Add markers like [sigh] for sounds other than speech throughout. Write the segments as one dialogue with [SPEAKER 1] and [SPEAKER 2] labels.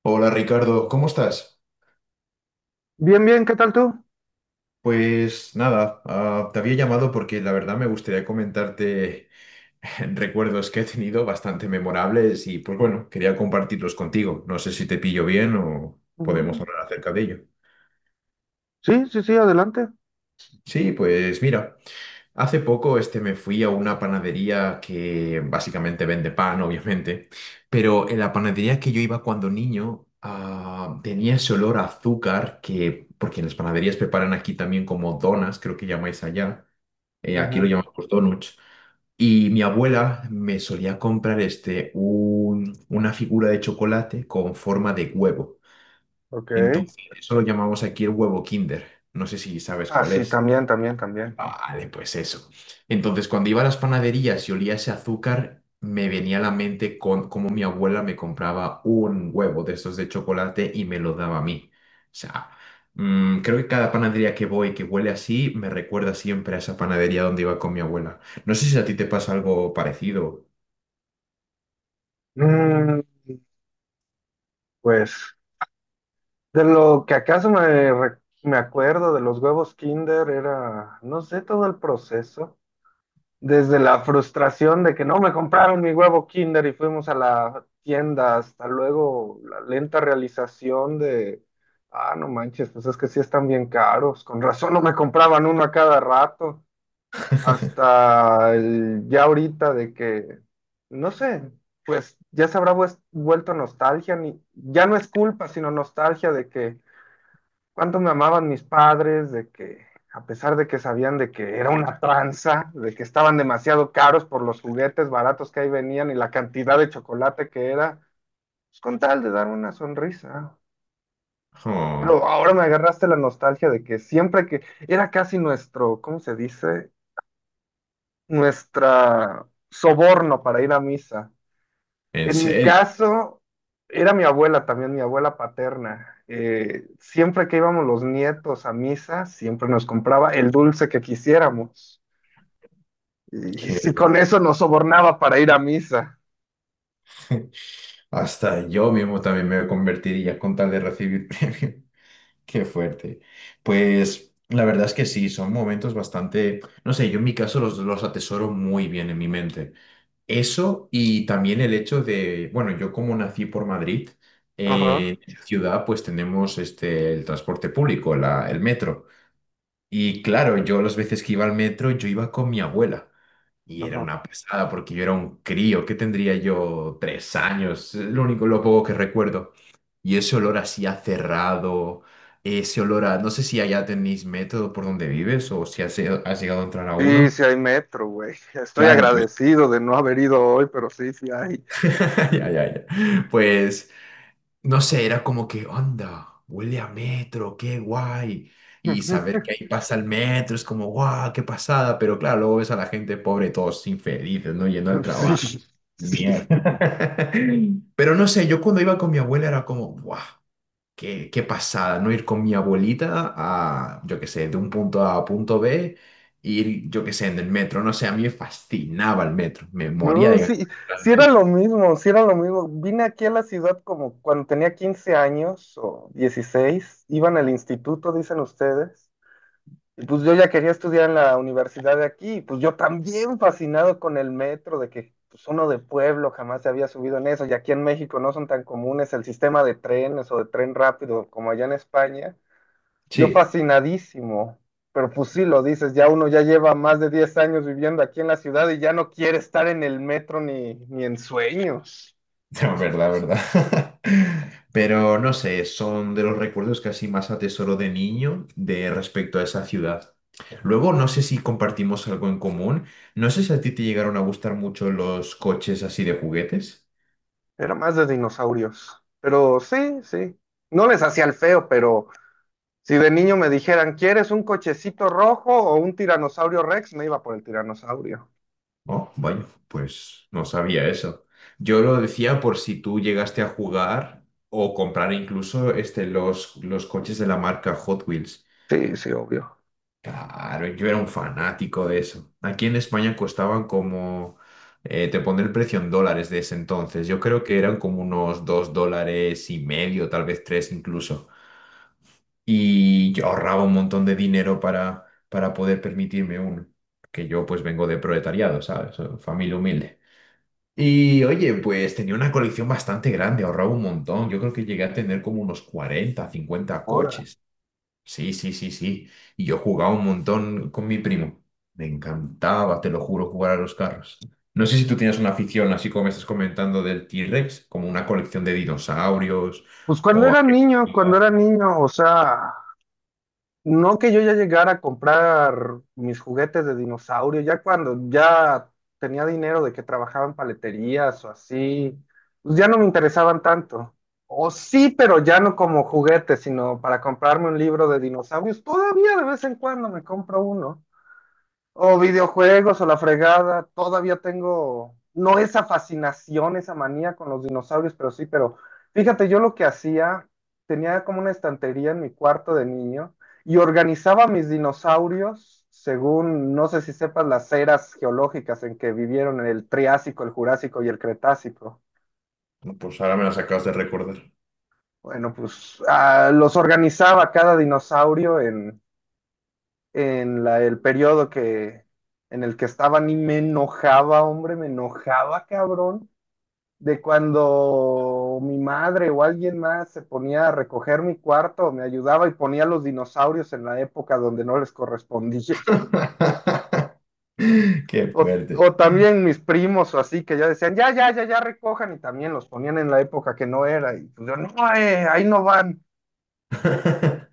[SPEAKER 1] Hola Ricardo, ¿cómo estás?
[SPEAKER 2] Bien, bien, ¿qué tal tú?
[SPEAKER 1] Pues nada, te había llamado porque la verdad me gustaría comentarte [laughs] recuerdos que he tenido bastante memorables y pues bueno, quería compartirlos contigo. No sé si te pillo bien o podemos
[SPEAKER 2] Mm.
[SPEAKER 1] hablar acerca de ello.
[SPEAKER 2] Sí, sí, sí, adelante.
[SPEAKER 1] Sí, pues mira. Hace poco me fui a una panadería que básicamente vende pan, obviamente, pero en la panadería que yo iba cuando niño tenía ese olor a azúcar que, porque en las panaderías preparan aquí también como donas, creo que llamáis allá, aquí lo
[SPEAKER 2] Ujú.
[SPEAKER 1] llamamos donuts, y mi abuela me solía comprar una figura de chocolate con forma de huevo.
[SPEAKER 2] Ok.
[SPEAKER 1] Entonces, eso lo llamamos aquí el huevo Kinder. No sé si sabes
[SPEAKER 2] Ah,
[SPEAKER 1] cuál
[SPEAKER 2] sí,
[SPEAKER 1] es.
[SPEAKER 2] también, también, también.
[SPEAKER 1] Vale, pues eso. Entonces, cuando iba a las panaderías y olía ese azúcar, me venía a la mente con, cómo mi abuela me compraba un huevo de estos de chocolate y me lo daba a mí. O sea, creo que cada panadería que voy que huele así me recuerda siempre a esa panadería donde iba con mi abuela. No sé si a ti te pasa algo parecido.
[SPEAKER 2] Mm, pues, de lo que acaso me acuerdo de los huevos Kinder era, no sé, todo el proceso. Desde la frustración de que no me compraron mi huevo Kinder y fuimos a la tienda, hasta luego la lenta realización de, ah, no manches, pues es que sí están bien caros, con razón no me compraban uno a cada rato. Hasta ya ahorita de que, no sé, pues ya se habrá vuelto nostalgia, ni, ya no es culpa, sino nostalgia de que cuánto me amaban mis padres, de que a pesar de que sabían de que era una tranza, de que estaban demasiado caros por los juguetes baratos que ahí venían y la cantidad de chocolate que era, pues con tal de dar una sonrisa. Pero
[SPEAKER 1] Oh,
[SPEAKER 2] ahora me agarraste la nostalgia de que siempre que era casi nuestro, ¿cómo se dice? Nuestra soborno para ir a misa.
[SPEAKER 1] ¿en
[SPEAKER 2] En mi
[SPEAKER 1] serio?
[SPEAKER 2] caso, era mi abuela también, mi abuela paterna. Siempre que íbamos los nietos a misa, siempre nos compraba el dulce que quisiéramos. Y, [laughs] y
[SPEAKER 1] Qué
[SPEAKER 2] si con
[SPEAKER 1] loco.
[SPEAKER 2] eso nos sobornaba para ir a misa.
[SPEAKER 1] [laughs] Hasta yo mismo también me convertiría con tal de recibir [laughs] premio. Qué fuerte. Pues la verdad es que sí, son momentos bastante, no sé, yo en mi caso los atesoro muy bien en mi mente. Eso y también el hecho de, bueno, yo como nací por Madrid,
[SPEAKER 2] Ajá,
[SPEAKER 1] en la ciudad pues tenemos el transporte público, el metro. Y claro, yo las veces que iba al metro, yo iba con mi abuela. Y era
[SPEAKER 2] ajá.
[SPEAKER 1] una pasada porque yo era un crío, que tendría yo 3 años, es lo único, lo poco que recuerdo. Y ese olor así a cerrado, ese olor a, no sé si allá tenéis método por donde vives o si has llegado a entrar a
[SPEAKER 2] Sí,
[SPEAKER 1] uno.
[SPEAKER 2] sí hay metro, güey. Estoy
[SPEAKER 1] Claro, pues,
[SPEAKER 2] agradecido de no haber ido hoy, pero sí, sí hay.
[SPEAKER 1] [laughs] ya, ya, ya. Pues no sé, era como que, onda, huele a metro, qué guay. Y saber que ahí
[SPEAKER 2] [laughs]
[SPEAKER 1] pasa el metro es como, guau, qué pasada. Pero claro, luego ves a la gente pobre, todos infelices, ¿no? Yendo al
[SPEAKER 2] Sí,
[SPEAKER 1] trabajo.
[SPEAKER 2] sí.
[SPEAKER 1] Mierda. [laughs] Pero no sé, yo cuando iba con mi abuela era como, guau, qué pasada, ¿no? Ir con mi abuelita a, yo qué sé, de un punto A a punto B, ir, yo qué sé, en el metro. No sé, a mí me fascinaba el metro, me moría
[SPEAKER 2] No,
[SPEAKER 1] de ganas
[SPEAKER 2] sí,
[SPEAKER 1] de ir al
[SPEAKER 2] sí era
[SPEAKER 1] metro.
[SPEAKER 2] lo mismo, sí era lo mismo. Vine aquí a la ciudad como cuando tenía 15 años o 16. Iban al instituto, dicen ustedes, y pues yo ya quería estudiar en la universidad de aquí, y pues yo también fascinado con el metro, de que pues uno de pueblo jamás se había subido en eso, y aquí en México no son tan comunes el sistema de trenes o de tren rápido como allá en España. Yo
[SPEAKER 1] Sí.
[SPEAKER 2] fascinadísimo, pero pues sí lo dices, ya uno ya lleva más de 10 años viviendo aquí en la ciudad y ya no quiere estar en el metro ni en sueños.
[SPEAKER 1] [laughs] No, verdad, verdad. [laughs] Pero no sé, son de los recuerdos que así más atesoro de niño de respecto a esa ciudad. Luego, no sé si compartimos algo en común. No sé si a ti te llegaron a gustar mucho los coches así de juguetes.
[SPEAKER 2] Era más de dinosaurios. Pero sí, sí. No les hacía el feo, pero si de niño me dijeran, ¿quieres un cochecito rojo o un tiranosaurio Rex? Me iba por el tiranosaurio.
[SPEAKER 1] Oh, vaya, pues no sabía eso. Yo lo decía por si tú llegaste a jugar o comprar incluso los coches de la marca Hot Wheels.
[SPEAKER 2] Sí, sí, obvio.
[SPEAKER 1] Claro, yo era un fanático de eso. Aquí en España costaban como, te pondré el precio en dólares de ese entonces. Yo creo que eran como unos $2,50, tal vez tres incluso. Y yo ahorraba un montón de dinero para poder permitirme uno. Que yo pues vengo de proletariado, ¿sabes? Familia humilde. Y oye, pues tenía una colección bastante grande, ahorraba un montón. Yo creo que llegué a tener como unos 40, 50
[SPEAKER 2] Ahora.
[SPEAKER 1] coches. Sí, sí, sí, sí. Y yo jugaba un montón con mi primo. Me encantaba, te lo juro, jugar a los carros. No sé si tú tienes una afición, así como me estás comentando del T-Rex, como una colección de dinosaurios
[SPEAKER 2] Pues
[SPEAKER 1] o [laughs]
[SPEAKER 2] cuando era niño, o sea, no que yo ya llegara a comprar mis juguetes de dinosaurio, ya cuando ya tenía dinero de que trabajaba en paleterías o así, pues ya no me interesaban tanto. O sí, pero ya no como juguetes, sino para comprarme un libro de dinosaurios. Todavía de vez en cuando me compro uno. O videojuegos o la fregada, todavía tengo, no esa fascinación, esa manía con los dinosaurios, pero sí, pero fíjate, yo lo que hacía, tenía como una estantería en mi cuarto de niño y organizaba mis dinosaurios según, no sé si sepas, las eras geológicas en que vivieron en el Triásico, el Jurásico y el Cretácico.
[SPEAKER 1] Pues ahora me las acabas de recordar.
[SPEAKER 2] Bueno, pues los organizaba cada dinosaurio en el periodo que, en el que estaban y me enojaba, hombre, me enojaba, cabrón, de cuando mi madre o alguien más se ponía a recoger mi cuarto, me ayudaba y ponía los dinosaurios en la época donde no les correspondía. [laughs]
[SPEAKER 1] [laughs] Qué
[SPEAKER 2] O,
[SPEAKER 1] fuerte.
[SPEAKER 2] o también mis primos o así que ya decían, ya, ya, ya, ya recojan y también los ponían en la época que no era. Y pues yo, no, ahí no van.
[SPEAKER 1] [laughs]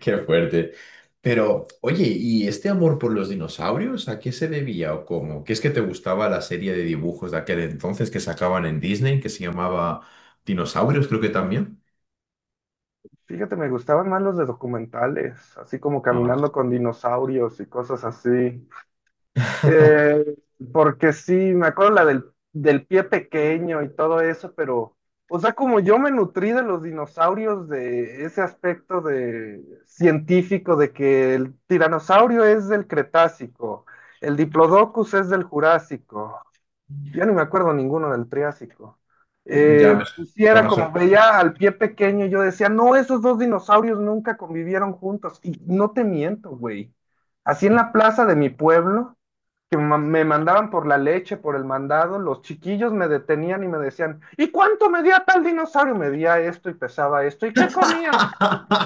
[SPEAKER 1] Qué fuerte. Pero, oye, ¿y este amor por los dinosaurios a qué se debía o cómo? ¿Qué es que te gustaba la serie de dibujos de aquel entonces que sacaban en Disney, que se llamaba Dinosaurios, creo que también?
[SPEAKER 2] Fíjate, me gustaban más los de documentales, así como
[SPEAKER 1] No,
[SPEAKER 2] caminando con dinosaurios y cosas así.
[SPEAKER 1] [laughs]
[SPEAKER 2] Eh, Porque sí, me acuerdo la del pie pequeño y todo eso, pero, o sea, como yo me nutrí de los dinosaurios, de ese aspecto de científico, de que el tiranosaurio es del Cretácico, el Diplodocus es del Jurásico, ya ni me acuerdo ninguno del Triásico.
[SPEAKER 1] Ya me,
[SPEAKER 2] Pues sí,
[SPEAKER 1] ya
[SPEAKER 2] era
[SPEAKER 1] me
[SPEAKER 2] como
[SPEAKER 1] sor-
[SPEAKER 2] veía al pie pequeño, yo decía, no, esos dos dinosaurios nunca convivieron juntos, y no te miento, güey. Así en la plaza de mi pueblo que me mandaban por la leche, por el mandado, los chiquillos me detenían y me decían, ¿y cuánto medía tal dinosaurio? Medía esto y pesaba esto, ¿y qué comía?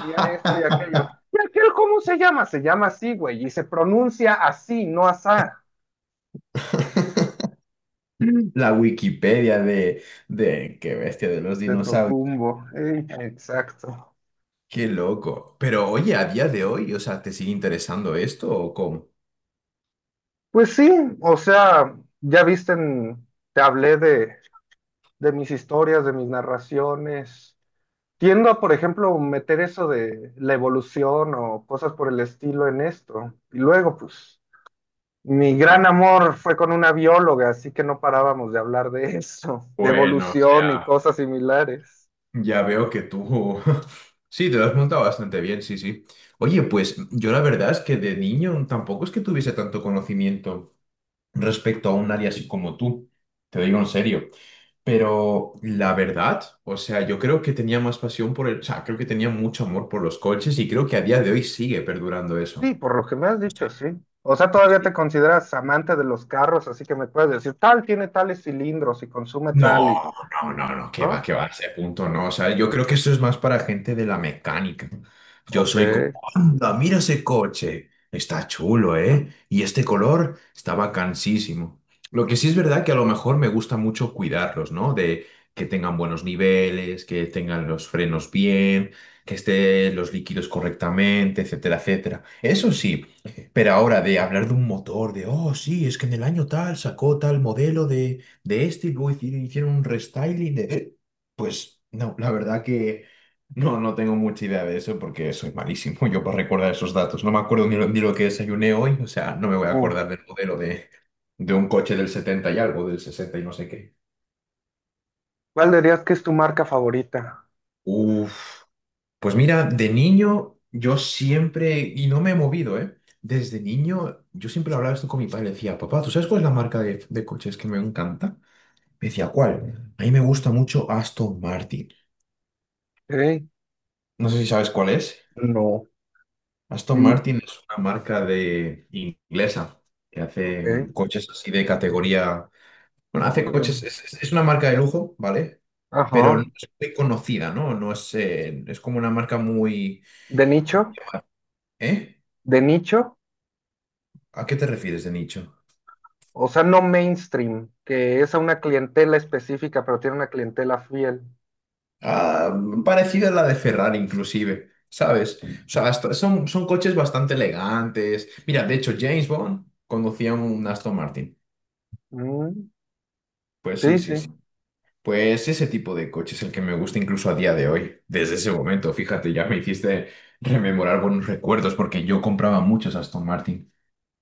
[SPEAKER 2] Comía esto y aquello. ¿Y aquel cómo se llama? Se llama así, güey, y se pronuncia así, no asá,
[SPEAKER 1] La Wikipedia de qué bestia de los
[SPEAKER 2] de
[SPEAKER 1] dinosaurios.
[SPEAKER 2] Tocumbo. Ey, exacto.
[SPEAKER 1] Qué loco. Pero oye, a día de hoy, o sea, ¿te sigue interesando esto o cómo?
[SPEAKER 2] Pues sí, o sea, ya viste, te hablé de mis historias, de mis narraciones, tiendo a, por ejemplo, meter eso de la evolución o cosas por el estilo en esto. Y luego, pues, mi gran amor fue con una bióloga, así que no parábamos de hablar de [laughs] eso, de
[SPEAKER 1] Bueno, o
[SPEAKER 2] evolución y
[SPEAKER 1] sea.
[SPEAKER 2] cosas similares.
[SPEAKER 1] Ya veo que tú... [laughs] Sí, te lo has montado bastante bien, sí, sí. Oye, pues yo la verdad es que de niño tampoco es que tuviese tanto conocimiento respecto a un área así como tú, te lo digo en serio. Pero la verdad, o sea, yo creo que tenía más pasión por el... O sea, creo que tenía mucho amor por los coches y creo que a día de hoy sigue perdurando
[SPEAKER 2] Sí,
[SPEAKER 1] eso.
[SPEAKER 2] por lo que me has
[SPEAKER 1] No,
[SPEAKER 2] dicho, sí. O sea, todavía te consideras amante de los carros, así que me puedes decir, tal tiene tales cilindros y consume
[SPEAKER 1] no,
[SPEAKER 2] tal y...
[SPEAKER 1] no, no, no, que
[SPEAKER 2] ¿No?
[SPEAKER 1] va, a ese punto no. O sea, yo creo que eso es más para gente de la mecánica. Yo
[SPEAKER 2] Ok.
[SPEAKER 1] soy como, anda, mira ese coche, está chulo, ¿eh? Y este color está bacanísimo. Lo que sí es verdad que a lo mejor me gusta mucho cuidarlos, ¿no? De que tengan buenos niveles, que tengan los frenos bien, que estén los líquidos correctamente, etcétera, etcétera. Eso sí, pero ahora de hablar de un motor, de, oh, sí, es que en el año tal sacó tal modelo de este y luego hicieron un restyling de... Pues no, la verdad que no, no tengo mucha idea de eso porque soy malísimo yo para recordar esos datos. No me acuerdo ni lo que desayuné hoy, o sea, no me voy a
[SPEAKER 2] Mm.
[SPEAKER 1] acordar del modelo de un coche del 70 y algo, del 60 y no sé qué.
[SPEAKER 2] ¿Cuál dirías que es tu marca favorita?
[SPEAKER 1] Uf, pues mira, de niño yo siempre, y no me he movido, ¿eh? Desde niño yo siempre hablaba esto con mi padre, le decía, papá, ¿tú sabes cuál es la marca de coches que me encanta? Me decía, ¿cuál? A mí me gusta mucho Aston Martin.
[SPEAKER 2] Ok.
[SPEAKER 1] No sé si sabes cuál es.
[SPEAKER 2] No.
[SPEAKER 1] Aston
[SPEAKER 2] Mm.
[SPEAKER 1] Martin es una marca de inglesa que
[SPEAKER 2] Ok.
[SPEAKER 1] hace coches así de categoría. Bueno, hace
[SPEAKER 2] No.
[SPEAKER 1] coches, es una marca de lujo, ¿vale? Pero no
[SPEAKER 2] Ajá.
[SPEAKER 1] es muy conocida, ¿no? No es como una marca muy.
[SPEAKER 2] De
[SPEAKER 1] co-
[SPEAKER 2] nicho,
[SPEAKER 1] ¿Eh?
[SPEAKER 2] de nicho,
[SPEAKER 1] ¿A qué te refieres de nicho?
[SPEAKER 2] o sea, no mainstream, que es a una clientela específica, pero tiene una clientela fiel.
[SPEAKER 1] Ah, parecida a la de Ferrari, inclusive, ¿sabes? O sea, son coches bastante elegantes. Mira, de hecho, James Bond conducía un Aston Martin.
[SPEAKER 2] Mm,
[SPEAKER 1] Pues sí,
[SPEAKER 2] sí,
[SPEAKER 1] sí,
[SPEAKER 2] sí.
[SPEAKER 1] sí. Pues ese tipo de coche es el que me gusta incluso a día de hoy. Desde ese momento, fíjate, ya me hiciste rememorar buenos recuerdos porque yo compraba muchos Aston Martin.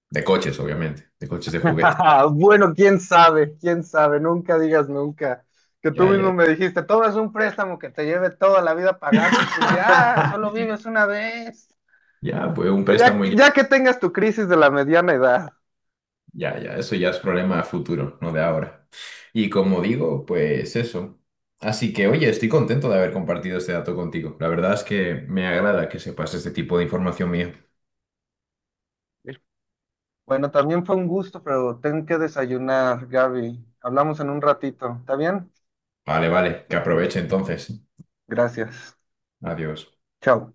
[SPEAKER 1] De coches, obviamente. De coches de juguete.
[SPEAKER 2] [laughs] Bueno, quién sabe, nunca digas nunca. Que tú
[SPEAKER 1] Ya,
[SPEAKER 2] mismo
[SPEAKER 1] ya.
[SPEAKER 2] me dijiste, todo es un préstamo que te lleve toda la vida a pagarlo, y pues ya, solo
[SPEAKER 1] [laughs]
[SPEAKER 2] vives una vez.
[SPEAKER 1] Ya, pues un
[SPEAKER 2] Pero ya,
[SPEAKER 1] préstamo ya.
[SPEAKER 2] ya que tengas tu crisis de la mediana edad.
[SPEAKER 1] Ya, ya. Eso ya es problema futuro, no de ahora. Y como digo, pues eso. Así que, oye, estoy contento de haber compartido este dato contigo. La verdad es que me agrada que sepas este tipo de información mía.
[SPEAKER 2] Bueno, también fue un gusto, pero tengo que desayunar, Gaby. Hablamos en un ratito, ¿está bien?
[SPEAKER 1] Vale, vale. Que aproveche entonces.
[SPEAKER 2] Gracias.
[SPEAKER 1] Adiós.
[SPEAKER 2] Chao.